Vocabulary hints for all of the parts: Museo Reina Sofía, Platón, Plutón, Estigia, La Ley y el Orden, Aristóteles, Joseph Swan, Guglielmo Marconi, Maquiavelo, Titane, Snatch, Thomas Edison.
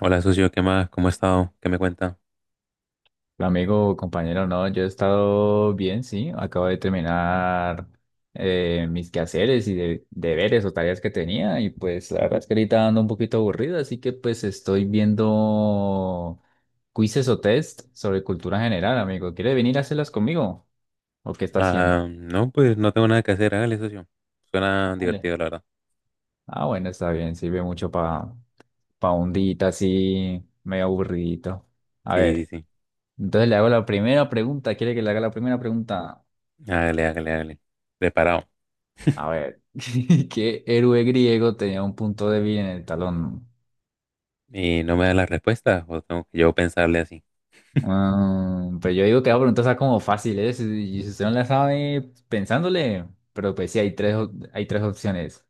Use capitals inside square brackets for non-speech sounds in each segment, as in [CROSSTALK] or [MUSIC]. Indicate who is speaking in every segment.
Speaker 1: Hola, socio, ¿qué más? ¿Cómo ha estado? ¿Qué me cuenta?
Speaker 2: Amigo, compañero, no, yo he estado bien, sí. Acabo de terminar mis quehaceres y deberes o tareas que tenía y pues la verdad es que ahorita ando un poquito aburrido, así que pues estoy viendo quizzes o test sobre cultura general, amigo. ¿Quiere venir a hacerlas conmigo? ¿O qué está haciendo?
Speaker 1: Ah, no, pues no tengo nada que hacer. Hágale, socio. Suena
Speaker 2: Vale.
Speaker 1: divertido, la verdad.
Speaker 2: Ah, bueno, está bien, sirve mucho para pa un día así medio aburridito. A
Speaker 1: Sí,
Speaker 2: ver,
Speaker 1: sí,
Speaker 2: entonces le hago la primera pregunta. ¿Quiere que le haga la primera pregunta?
Speaker 1: sí. Hágale, hágale, hágale. Preparado.
Speaker 2: A ver, [LAUGHS] ¿qué héroe griego tenía un punto débil en el talón?
Speaker 1: ¿Y no me da las respuestas? ¿O tengo que yo pensarle así?
Speaker 2: Ah, pero yo digo que la pregunta está como fácil, ¿eh? Si, y si usted no la sabe pensándole, pero pues sí, hay tres, hay tres opciones.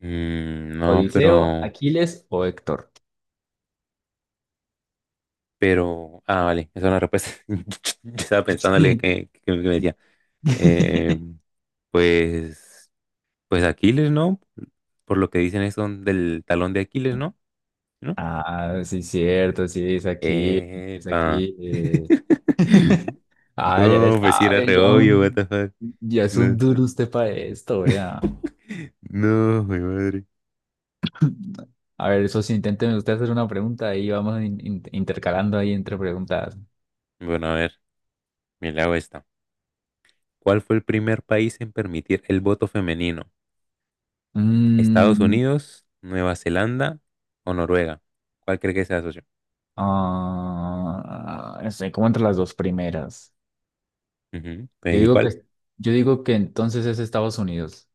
Speaker 1: Mm, no,
Speaker 2: Odiseo,
Speaker 1: pero.
Speaker 2: Aquiles o Héctor.
Speaker 1: Pero. Ah, vale. Esa es una respuesta. [LAUGHS] Yo estaba
Speaker 2: [LAUGHS]
Speaker 1: pensándole
Speaker 2: Sí.
Speaker 1: que me decía. Eh,
Speaker 2: [LAUGHS]
Speaker 1: pues... Pues Aquiles, ¿no? Por lo que dicen eso del talón de Aquiles, ¿no? ¿No?
Speaker 2: Ah, sí, cierto, sí, es aquí, es
Speaker 1: Epa.
Speaker 2: aquí.
Speaker 1: [LAUGHS]
Speaker 2: [LAUGHS] Ah, ya le
Speaker 1: No, pues sí era
Speaker 2: sabe,
Speaker 1: re
Speaker 2: ya,
Speaker 1: obvio, what the fuck.
Speaker 2: ya es
Speaker 1: No,
Speaker 2: un duro usted para esto, vea.
Speaker 1: no, mi madre.
Speaker 2: A ver, socio, inténteme usted hacer una pregunta y vamos intercalando ahí entre preguntas.
Speaker 1: Bueno, a ver, me la hago esta. ¿Cuál fue el primer país en permitir el voto femenino? ¿Estados
Speaker 2: Mm,
Speaker 1: Unidos, Nueva Zelanda o Noruega? ¿Cuál cree que sea, socio?
Speaker 2: ah, no sé, ¿cómo entre las dos primeras?
Speaker 1: Ujú,
Speaker 2: Yo
Speaker 1: pues, ¿y
Speaker 2: digo que,
Speaker 1: cuál?
Speaker 2: yo digo que entonces es Estados Unidos.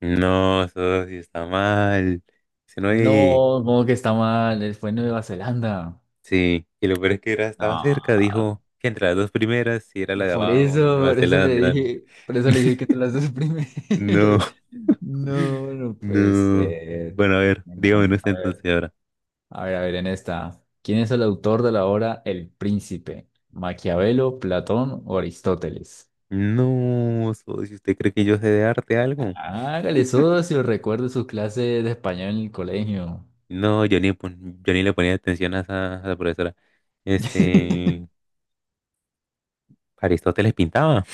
Speaker 1: No, socio, está mal. Si no,
Speaker 2: No, como que está mal, fue Nueva Zelanda.
Speaker 1: sí. Y lo peor es que era, estaba cerca,
Speaker 2: No,
Speaker 1: dijo que entre las dos primeras, si era la de abajo, no Nueva
Speaker 2: por eso le
Speaker 1: Zelanda.
Speaker 2: dije, por eso le dije que te
Speaker 1: [LAUGHS]
Speaker 2: las dos primeras.
Speaker 1: No,
Speaker 2: [LAUGHS]
Speaker 1: [LAUGHS]
Speaker 2: No, no puede
Speaker 1: no.
Speaker 2: ser.
Speaker 1: Bueno, a ver, dígame
Speaker 2: Bueno, a
Speaker 1: usted entonces
Speaker 2: ver.
Speaker 1: ahora.
Speaker 2: A ver, a ver, en esta. ¿Quién es el autor de la obra El Príncipe? ¿Maquiavelo, Platón o Aristóteles?
Speaker 1: No, si, ¿usted cree que yo sé de arte algo?
Speaker 2: Hágale eso si recuerde sus clases de español en el colegio.
Speaker 1: No, yo ni le ponía atención a esa, a la profesora.
Speaker 2: Sí.
Speaker 1: Este, Aristóteles pintaba,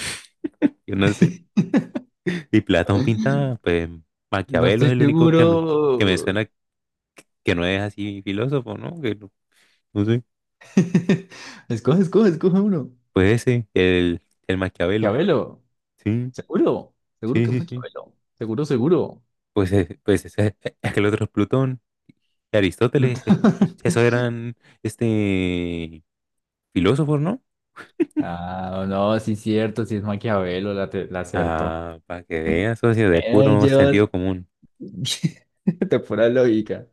Speaker 1: [LAUGHS] yo no sé.
Speaker 2: [LAUGHS]
Speaker 1: Y Platón pintaba, pues
Speaker 2: No
Speaker 1: Maquiavelo
Speaker 2: estoy
Speaker 1: es el único que me
Speaker 2: seguro.
Speaker 1: suena que no es así filósofo, ¿no? Que no, no sé.
Speaker 2: [LAUGHS] Escoge, escoge, escoge uno.
Speaker 1: Pues ese, el Maquiavelo.
Speaker 2: Maquiavelo,
Speaker 1: Sí,
Speaker 2: seguro, seguro
Speaker 1: sí,
Speaker 2: que es
Speaker 1: sí, sí.
Speaker 2: Maquiavelo, seguro, seguro.
Speaker 1: Pues, es que el otro es Plutón. De Aristóteles, esos
Speaker 2: [LAUGHS]
Speaker 1: eran este filósofos, ¿no?
Speaker 2: Ah, no, sí es cierto, sí es Maquiavelo, la, la acertó.
Speaker 1: Ah, para que vean, socio, de puro
Speaker 2: Lleva
Speaker 1: sentido común.
Speaker 2: [LAUGHS] de pura lógica.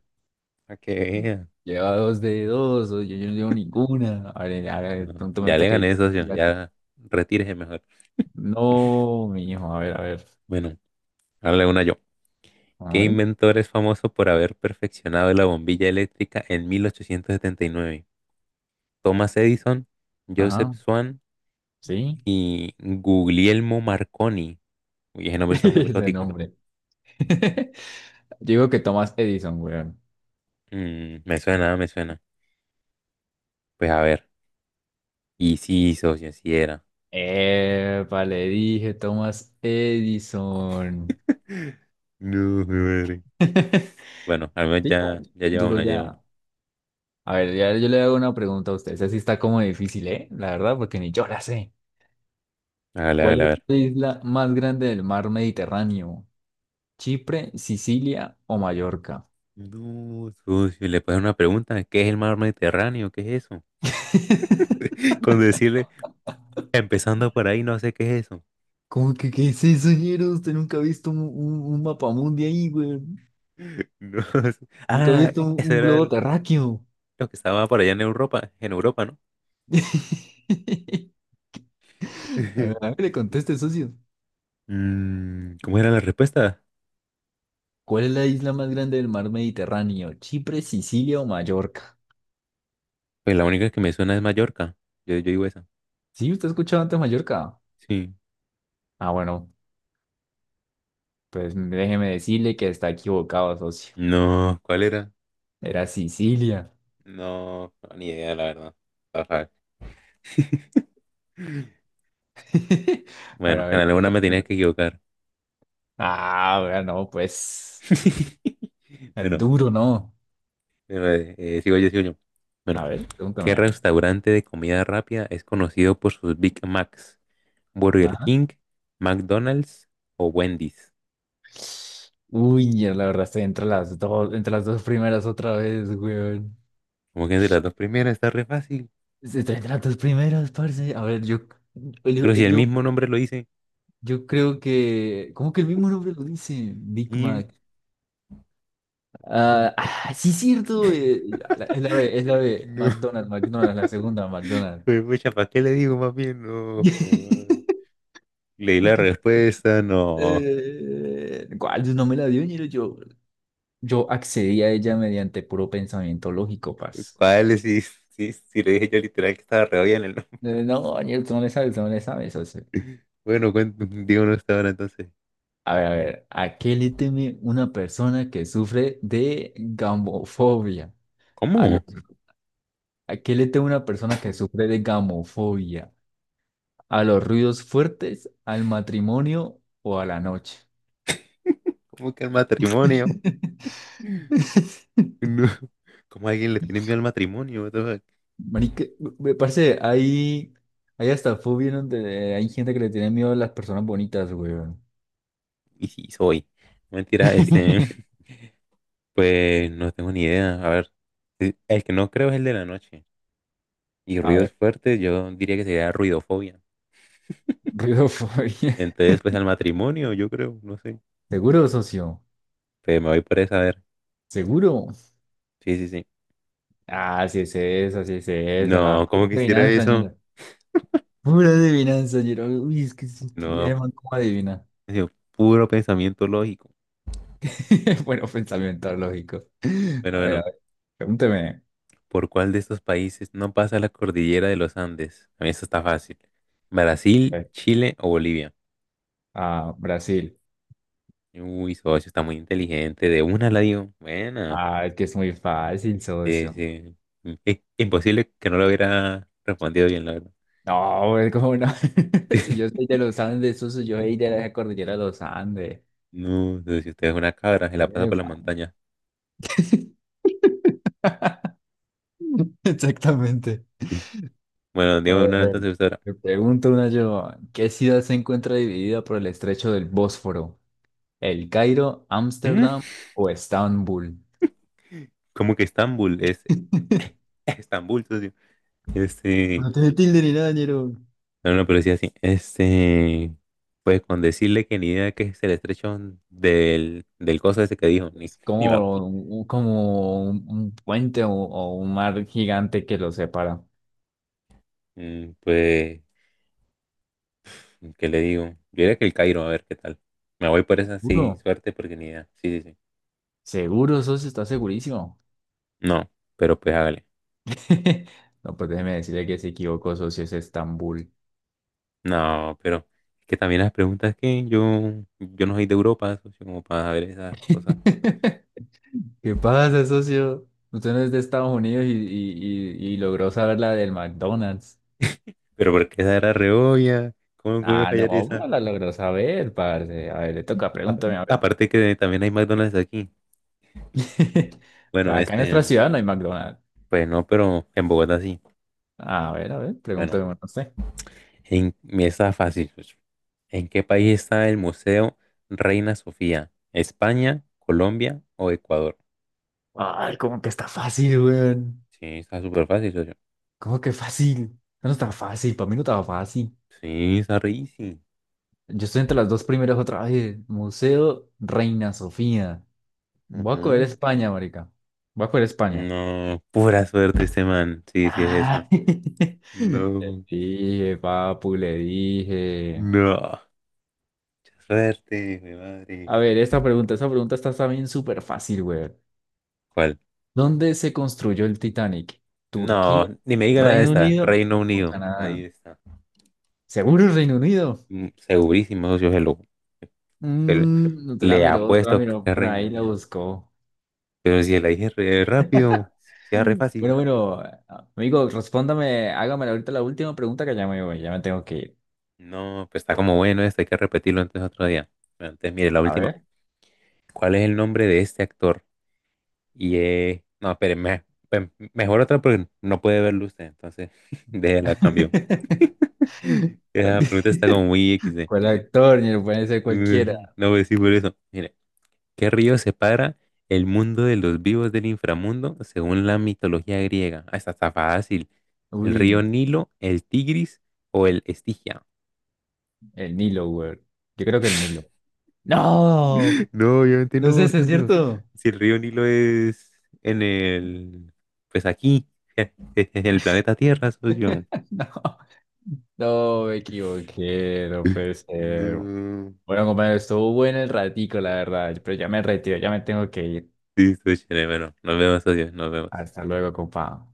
Speaker 1: Para que vean.
Speaker 2: Lleva dos de dos, o yo no llevo ninguna. A ver,
Speaker 1: No,
Speaker 2: pronto me
Speaker 1: ya
Speaker 2: está
Speaker 1: le
Speaker 2: que.
Speaker 1: gané, socio, ya retírese mejor.
Speaker 2: No, mi hijo, a ver, a ver.
Speaker 1: Bueno, dale una yo.
Speaker 2: A
Speaker 1: ¿Qué
Speaker 2: ver,
Speaker 1: inventor es famoso por haber perfeccionado la bombilla eléctrica en 1879? Thomas Edison, Joseph
Speaker 2: ajá,
Speaker 1: Swan
Speaker 2: sí.
Speaker 1: y Guglielmo Marconi. Uy, ese
Speaker 2: [LAUGHS]
Speaker 1: nombre es como
Speaker 2: Ese
Speaker 1: exótico.
Speaker 2: nombre. [LAUGHS] Digo que Thomas Edison, weón.
Speaker 1: Mm, me suena, me suena. Pues a ver. Y sí, socio, sí era.
Speaker 2: Epa, le dije Thomas Edison.
Speaker 1: No, mi madre.
Speaker 2: [LAUGHS]
Speaker 1: Bueno, al menos
Speaker 2: Sí, ya,
Speaker 1: ya, ya lleva
Speaker 2: duro
Speaker 1: una, lleva una.
Speaker 2: ya. A ver, ya yo le hago una pregunta a usted. Esa sí está como difícil, ¿eh? La verdad, porque ni yo la sé.
Speaker 1: Hágale,
Speaker 2: ¿Cuál
Speaker 1: hágale, a
Speaker 2: es
Speaker 1: ver.
Speaker 2: la isla más grande del mar Mediterráneo? ¿Chipre, Sicilia o Mallorca?
Speaker 1: No, socio, le puedo hacer una pregunta. ¿Qué es el mar Mediterráneo? ¿Qué es eso?
Speaker 2: [LAUGHS]
Speaker 1: [LAUGHS] Con decirle, empezando por ahí, no sé qué es eso.
Speaker 2: ¿Cómo que qué es eso, ñero? Usted nunca ha visto un mapamundi ahí, güey.
Speaker 1: [LAUGHS] No,
Speaker 2: Nunca ha
Speaker 1: ah,
Speaker 2: visto
Speaker 1: eso
Speaker 2: un
Speaker 1: era
Speaker 2: globo terráqueo.
Speaker 1: lo que estaba por allá en Europa, ¿no?
Speaker 2: [LAUGHS] A ver,
Speaker 1: [LAUGHS]
Speaker 2: le conteste, socio.
Speaker 1: Mm, ¿cómo era la respuesta?
Speaker 2: ¿Cuál es la isla más grande del mar Mediterráneo? ¿Chipre, Sicilia o Mallorca?
Speaker 1: Pues la única que me suena es Mallorca. Yo digo esa.
Speaker 2: ¿Sí? ¿Usted ha escuchado antes Mallorca?
Speaker 1: Sí.
Speaker 2: Ah, bueno, pues déjeme decirle que está equivocado, socio.
Speaker 1: No, ¿cuál era?
Speaker 2: Era Sicilia.
Speaker 1: No, no, ni idea, la verdad. Ajá. [LAUGHS]
Speaker 2: [LAUGHS]
Speaker 1: Bueno,
Speaker 2: A
Speaker 1: en
Speaker 2: ver, le
Speaker 1: alguna
Speaker 2: toca.
Speaker 1: me tenías que equivocar.
Speaker 2: Ah, vea no, pues.
Speaker 1: [LAUGHS]
Speaker 2: El
Speaker 1: Bueno,
Speaker 2: duro, no.
Speaker 1: pero, sigo yo, sigo yo. Bueno,
Speaker 2: A ver,
Speaker 1: ¿qué
Speaker 2: pregúntame.
Speaker 1: restaurante de comida rápida es conocido por sus Big Macs? ¿Burger
Speaker 2: Ajá.
Speaker 1: King, McDonald's o Wendy's?
Speaker 2: Uy, ya la verdad estoy entre las dos primeras otra vez, weón.
Speaker 1: Como que de las dos primeras está re fácil.
Speaker 2: Estoy entre las dos primeras, parce. A ver, yo,
Speaker 1: Pero si el
Speaker 2: yo,
Speaker 1: mismo nombre lo dice.
Speaker 2: yo creo que. ¿Cómo que el mismo nombre lo dice? Big
Speaker 1: Sí,
Speaker 2: Mac. Ah, ah, sí, cierto. Es la B.
Speaker 1: no.
Speaker 2: McDonald's, McDonald's, la segunda,
Speaker 1: [LAUGHS]
Speaker 2: McDonald's.
Speaker 1: Pues, pucha, ¿para qué le digo más bien? No. Pues, man.
Speaker 2: [LAUGHS]
Speaker 1: Leí la respuesta, no.
Speaker 2: ¿Cuál? No me la dio ni yo. Yo accedí a ella mediante puro pensamiento lógico, paz.
Speaker 1: ¿Cuál es? Sí, sí, si le dije yo literal que estaba re bien el nombre.
Speaker 2: No, Daniel, tú no le sabes, tú no le sabes. O sea,
Speaker 1: [LAUGHS] Bueno, digo no estaba ahora entonces.
Speaker 2: a ver, a ver, ¿a qué le teme una persona que sufre de gamofobia? A los-
Speaker 1: ¿Cómo?
Speaker 2: ¿A qué le teme una persona que
Speaker 1: [CLEARS THROAT] [LAUGHS]
Speaker 2: sufre de gamofobia? ¿A los ruidos fuertes, al matrimonio o a la noche?
Speaker 1: ¿Cómo que el matrimonio? [LAUGHS] No.
Speaker 2: [LAUGHS]
Speaker 1: ¿Cómo a alguien le tiene miedo al matrimonio? What the fuck?
Speaker 2: Marica, me parece, hay hasta fobias donde hay gente que le tiene miedo a las personas bonitas, weón.
Speaker 1: Y sí, soy. No, mentira,
Speaker 2: [LAUGHS]
Speaker 1: [LAUGHS] pues no tengo ni idea. A ver, el que no creo es el de la noche. Y
Speaker 2: A
Speaker 1: ruidos
Speaker 2: ver,
Speaker 1: fuertes, yo diría que sería ruidofobia.
Speaker 2: ruidofobia. [LAUGHS]
Speaker 1: Entonces, pues al matrimonio, yo creo, no sé.
Speaker 2: ¿Seguro, socio?
Speaker 1: Pues me voy por esa, a ver.
Speaker 2: ¿Seguro?
Speaker 1: Sí, sí, sí.
Speaker 2: Ah, sí es esa, la
Speaker 1: No,
Speaker 2: pura
Speaker 1: ¿cómo quisiera
Speaker 2: adivinanza,
Speaker 1: eso?
Speaker 2: ñero. Pura adivinanza, ñero. Uy, es que sí,
Speaker 1: No,
Speaker 2: man, ¿cómo
Speaker 1: [LAUGHS]
Speaker 2: adivina?
Speaker 1: ha sido puro pensamiento lógico.
Speaker 2: [LAUGHS] Bueno, pensamiento lógico.
Speaker 1: Bueno,
Speaker 2: A
Speaker 1: bueno.
Speaker 2: ver, pregúnteme.
Speaker 1: ¿Por cuál de estos países no pasa la cordillera de los Andes? A mí esto está fácil.
Speaker 2: A
Speaker 1: ¿Brasil,
Speaker 2: ver,
Speaker 1: Chile o Bolivia?
Speaker 2: ah, Brasil.
Speaker 1: Uy, socio, está muy inteligente. De una la dio. Bueno,
Speaker 2: Ah, es que es muy fácil,
Speaker 1: sí,
Speaker 2: socio.
Speaker 1: sí. Imposible que no lo hubiera respondido bien, la verdad.
Speaker 2: No, es como no. [LAUGHS] Si yo soy
Speaker 1: [LAUGHS]
Speaker 2: de los Andes, socio, yo soy de la cordillera de los Andes.
Speaker 1: No, si usted es una cabra, se la pasa por la
Speaker 2: Epa.
Speaker 1: montaña.
Speaker 2: [LAUGHS] Exactamente.
Speaker 1: [LAUGHS] Bueno,
Speaker 2: A
Speaker 1: dígame una
Speaker 2: ver,
Speaker 1: entonces, ahora.
Speaker 2: me pregunto una yo, ¿qué ciudad se encuentra dividida por el estrecho del Bósforo? ¿El Cairo,
Speaker 1: ¿Mm?
Speaker 2: Ámsterdam o Estambul?
Speaker 1: ¿Cómo que Estambul? Es
Speaker 2: [LAUGHS]
Speaker 1: [LAUGHS] Estambul, socio. Este,
Speaker 2: No tiene tilde ni nada, ñero.
Speaker 1: No, no, pero sí así. Pues con decirle que ni idea que es el estrecho del cosa ese que dijo, ni,
Speaker 2: Es
Speaker 1: [LAUGHS] ni me
Speaker 2: como,
Speaker 1: acuerdo.
Speaker 2: como un puente o un mar gigante que los separa.
Speaker 1: Mm, pues, ¿qué le digo? Yo diría que el Cairo, a ver qué tal. Me voy por esa, sí,
Speaker 2: ¿Seguro?
Speaker 1: suerte, porque ni idea. Sí, sí, sí.
Speaker 2: Seguro, socio, está segurísimo.
Speaker 1: No, pero pues hágale.
Speaker 2: [LAUGHS] No, pues déjeme decirle que se equivocó, socio, es Estambul.
Speaker 1: No, pero es que también las preguntas que yo no soy de Europa, socio, como para saber esas cosas.
Speaker 2: [LAUGHS] ¿Qué pasa, socio? Usted no es de Estados Unidos y logró saber la del McDonald's.
Speaker 1: Pero porque esa era re obvia, ¿cómo iba a
Speaker 2: Ah,
Speaker 1: fallar
Speaker 2: no,
Speaker 1: esa?
Speaker 2: pero la logró saber, parce. A ver, le toca,
Speaker 1: A-
Speaker 2: pregúntame, a ver.
Speaker 1: Aparte que también hay McDonald's aquí.
Speaker 2: [LAUGHS]
Speaker 1: Bueno.
Speaker 2: Acá en nuestra ciudad no hay McDonald's.
Speaker 1: Pues no, pero en Bogotá sí.
Speaker 2: A ver,
Speaker 1: Bueno,
Speaker 2: pregúntame, no sé.
Speaker 1: mira, está fácil, pues. ¿En qué país está el Museo Reina Sofía? ¿España, Colombia o Ecuador?
Speaker 2: Ay, ¿cómo que está fácil, weón?
Speaker 1: Sí, está súper fácil, socio.
Speaker 2: ¿Cómo que fácil? No está fácil, para mí no estaba fácil.
Speaker 1: Sí, está re easy.
Speaker 2: Yo estoy entre las dos primeras otra vez. Museo Reina Sofía. Voy a coger
Speaker 1: Ujú.
Speaker 2: España, marica. Voy a coger España.
Speaker 1: No, pura suerte este man. Sí, sí es esa.
Speaker 2: Ah, [LAUGHS] le
Speaker 1: No,
Speaker 2: dije, papu, le dije.
Speaker 1: no. Mucha suerte, mi madre.
Speaker 2: A ver, esta pregunta está también súper fácil, güey.
Speaker 1: ¿Cuál?
Speaker 2: ¿Dónde se construyó el Titanic?
Speaker 1: No,
Speaker 2: ¿Turquía,
Speaker 1: ni me diga la de
Speaker 2: Reino
Speaker 1: esta.
Speaker 2: Unido
Speaker 1: Reino
Speaker 2: o
Speaker 1: Unido.
Speaker 2: Canadá?
Speaker 1: Ahí está.
Speaker 2: Seguro el Reino Unido.
Speaker 1: Mm, segurísimo, socio, se-
Speaker 2: Mm, no te la
Speaker 1: le
Speaker 2: miró, no te la
Speaker 1: apuesto que
Speaker 2: miró,
Speaker 1: es
Speaker 2: por
Speaker 1: Reino
Speaker 2: ahí la
Speaker 1: Unido.
Speaker 2: buscó.
Speaker 1: Pero si la dije re rápido,
Speaker 2: [LAUGHS]
Speaker 1: si era re fácil.
Speaker 2: Bueno, bueno, amigo, respóndame, hágame ahorita la última pregunta que ya me voy, ya me tengo que ir.
Speaker 1: No, pues está como bueno esto, hay que repetirlo antes otro día. Bueno, entonces, mire, la
Speaker 2: A
Speaker 1: última.
Speaker 2: ver.
Speaker 1: ¿Cuál es el nombre de este actor? Y no, pero mejor otra porque no puede verlo usted, entonces [LAUGHS] déjela, cambio. [LAUGHS]
Speaker 2: [LAUGHS]
Speaker 1: Esa pregunta está como muy XD.
Speaker 2: ¿Cuál actor? Ni lo pueden ser
Speaker 1: [LAUGHS]
Speaker 2: cualquiera.
Speaker 1: No voy a decir por eso. Mire, ¿qué río separa el mundo de los vivos del inframundo según la mitología griega? Ah, esta está fácil. ¿El río
Speaker 2: Uy,
Speaker 1: Nilo, el Tigris o el Estigia?
Speaker 2: el Nilo, güey. Yo creo que el Nilo.
Speaker 1: [LAUGHS]
Speaker 2: ¡No!
Speaker 1: No, obviamente
Speaker 2: No sé
Speaker 1: no,
Speaker 2: si es
Speaker 1: socio.
Speaker 2: cierto.
Speaker 1: Si el río Nilo es en el, pues aquí, [LAUGHS] en el planeta Tierra, socio.
Speaker 2: [LAUGHS] No, no, me equivoqué. No puede
Speaker 1: [LAUGHS]
Speaker 2: ser.
Speaker 1: No.
Speaker 2: Bueno, compañero, estuvo bueno el ratico, la verdad. Pero ya me retiro, ya me tengo que ir.
Speaker 1: Listo, chévere, bueno, nos vemos, socio, nos vemos.
Speaker 2: Hasta luego, compa.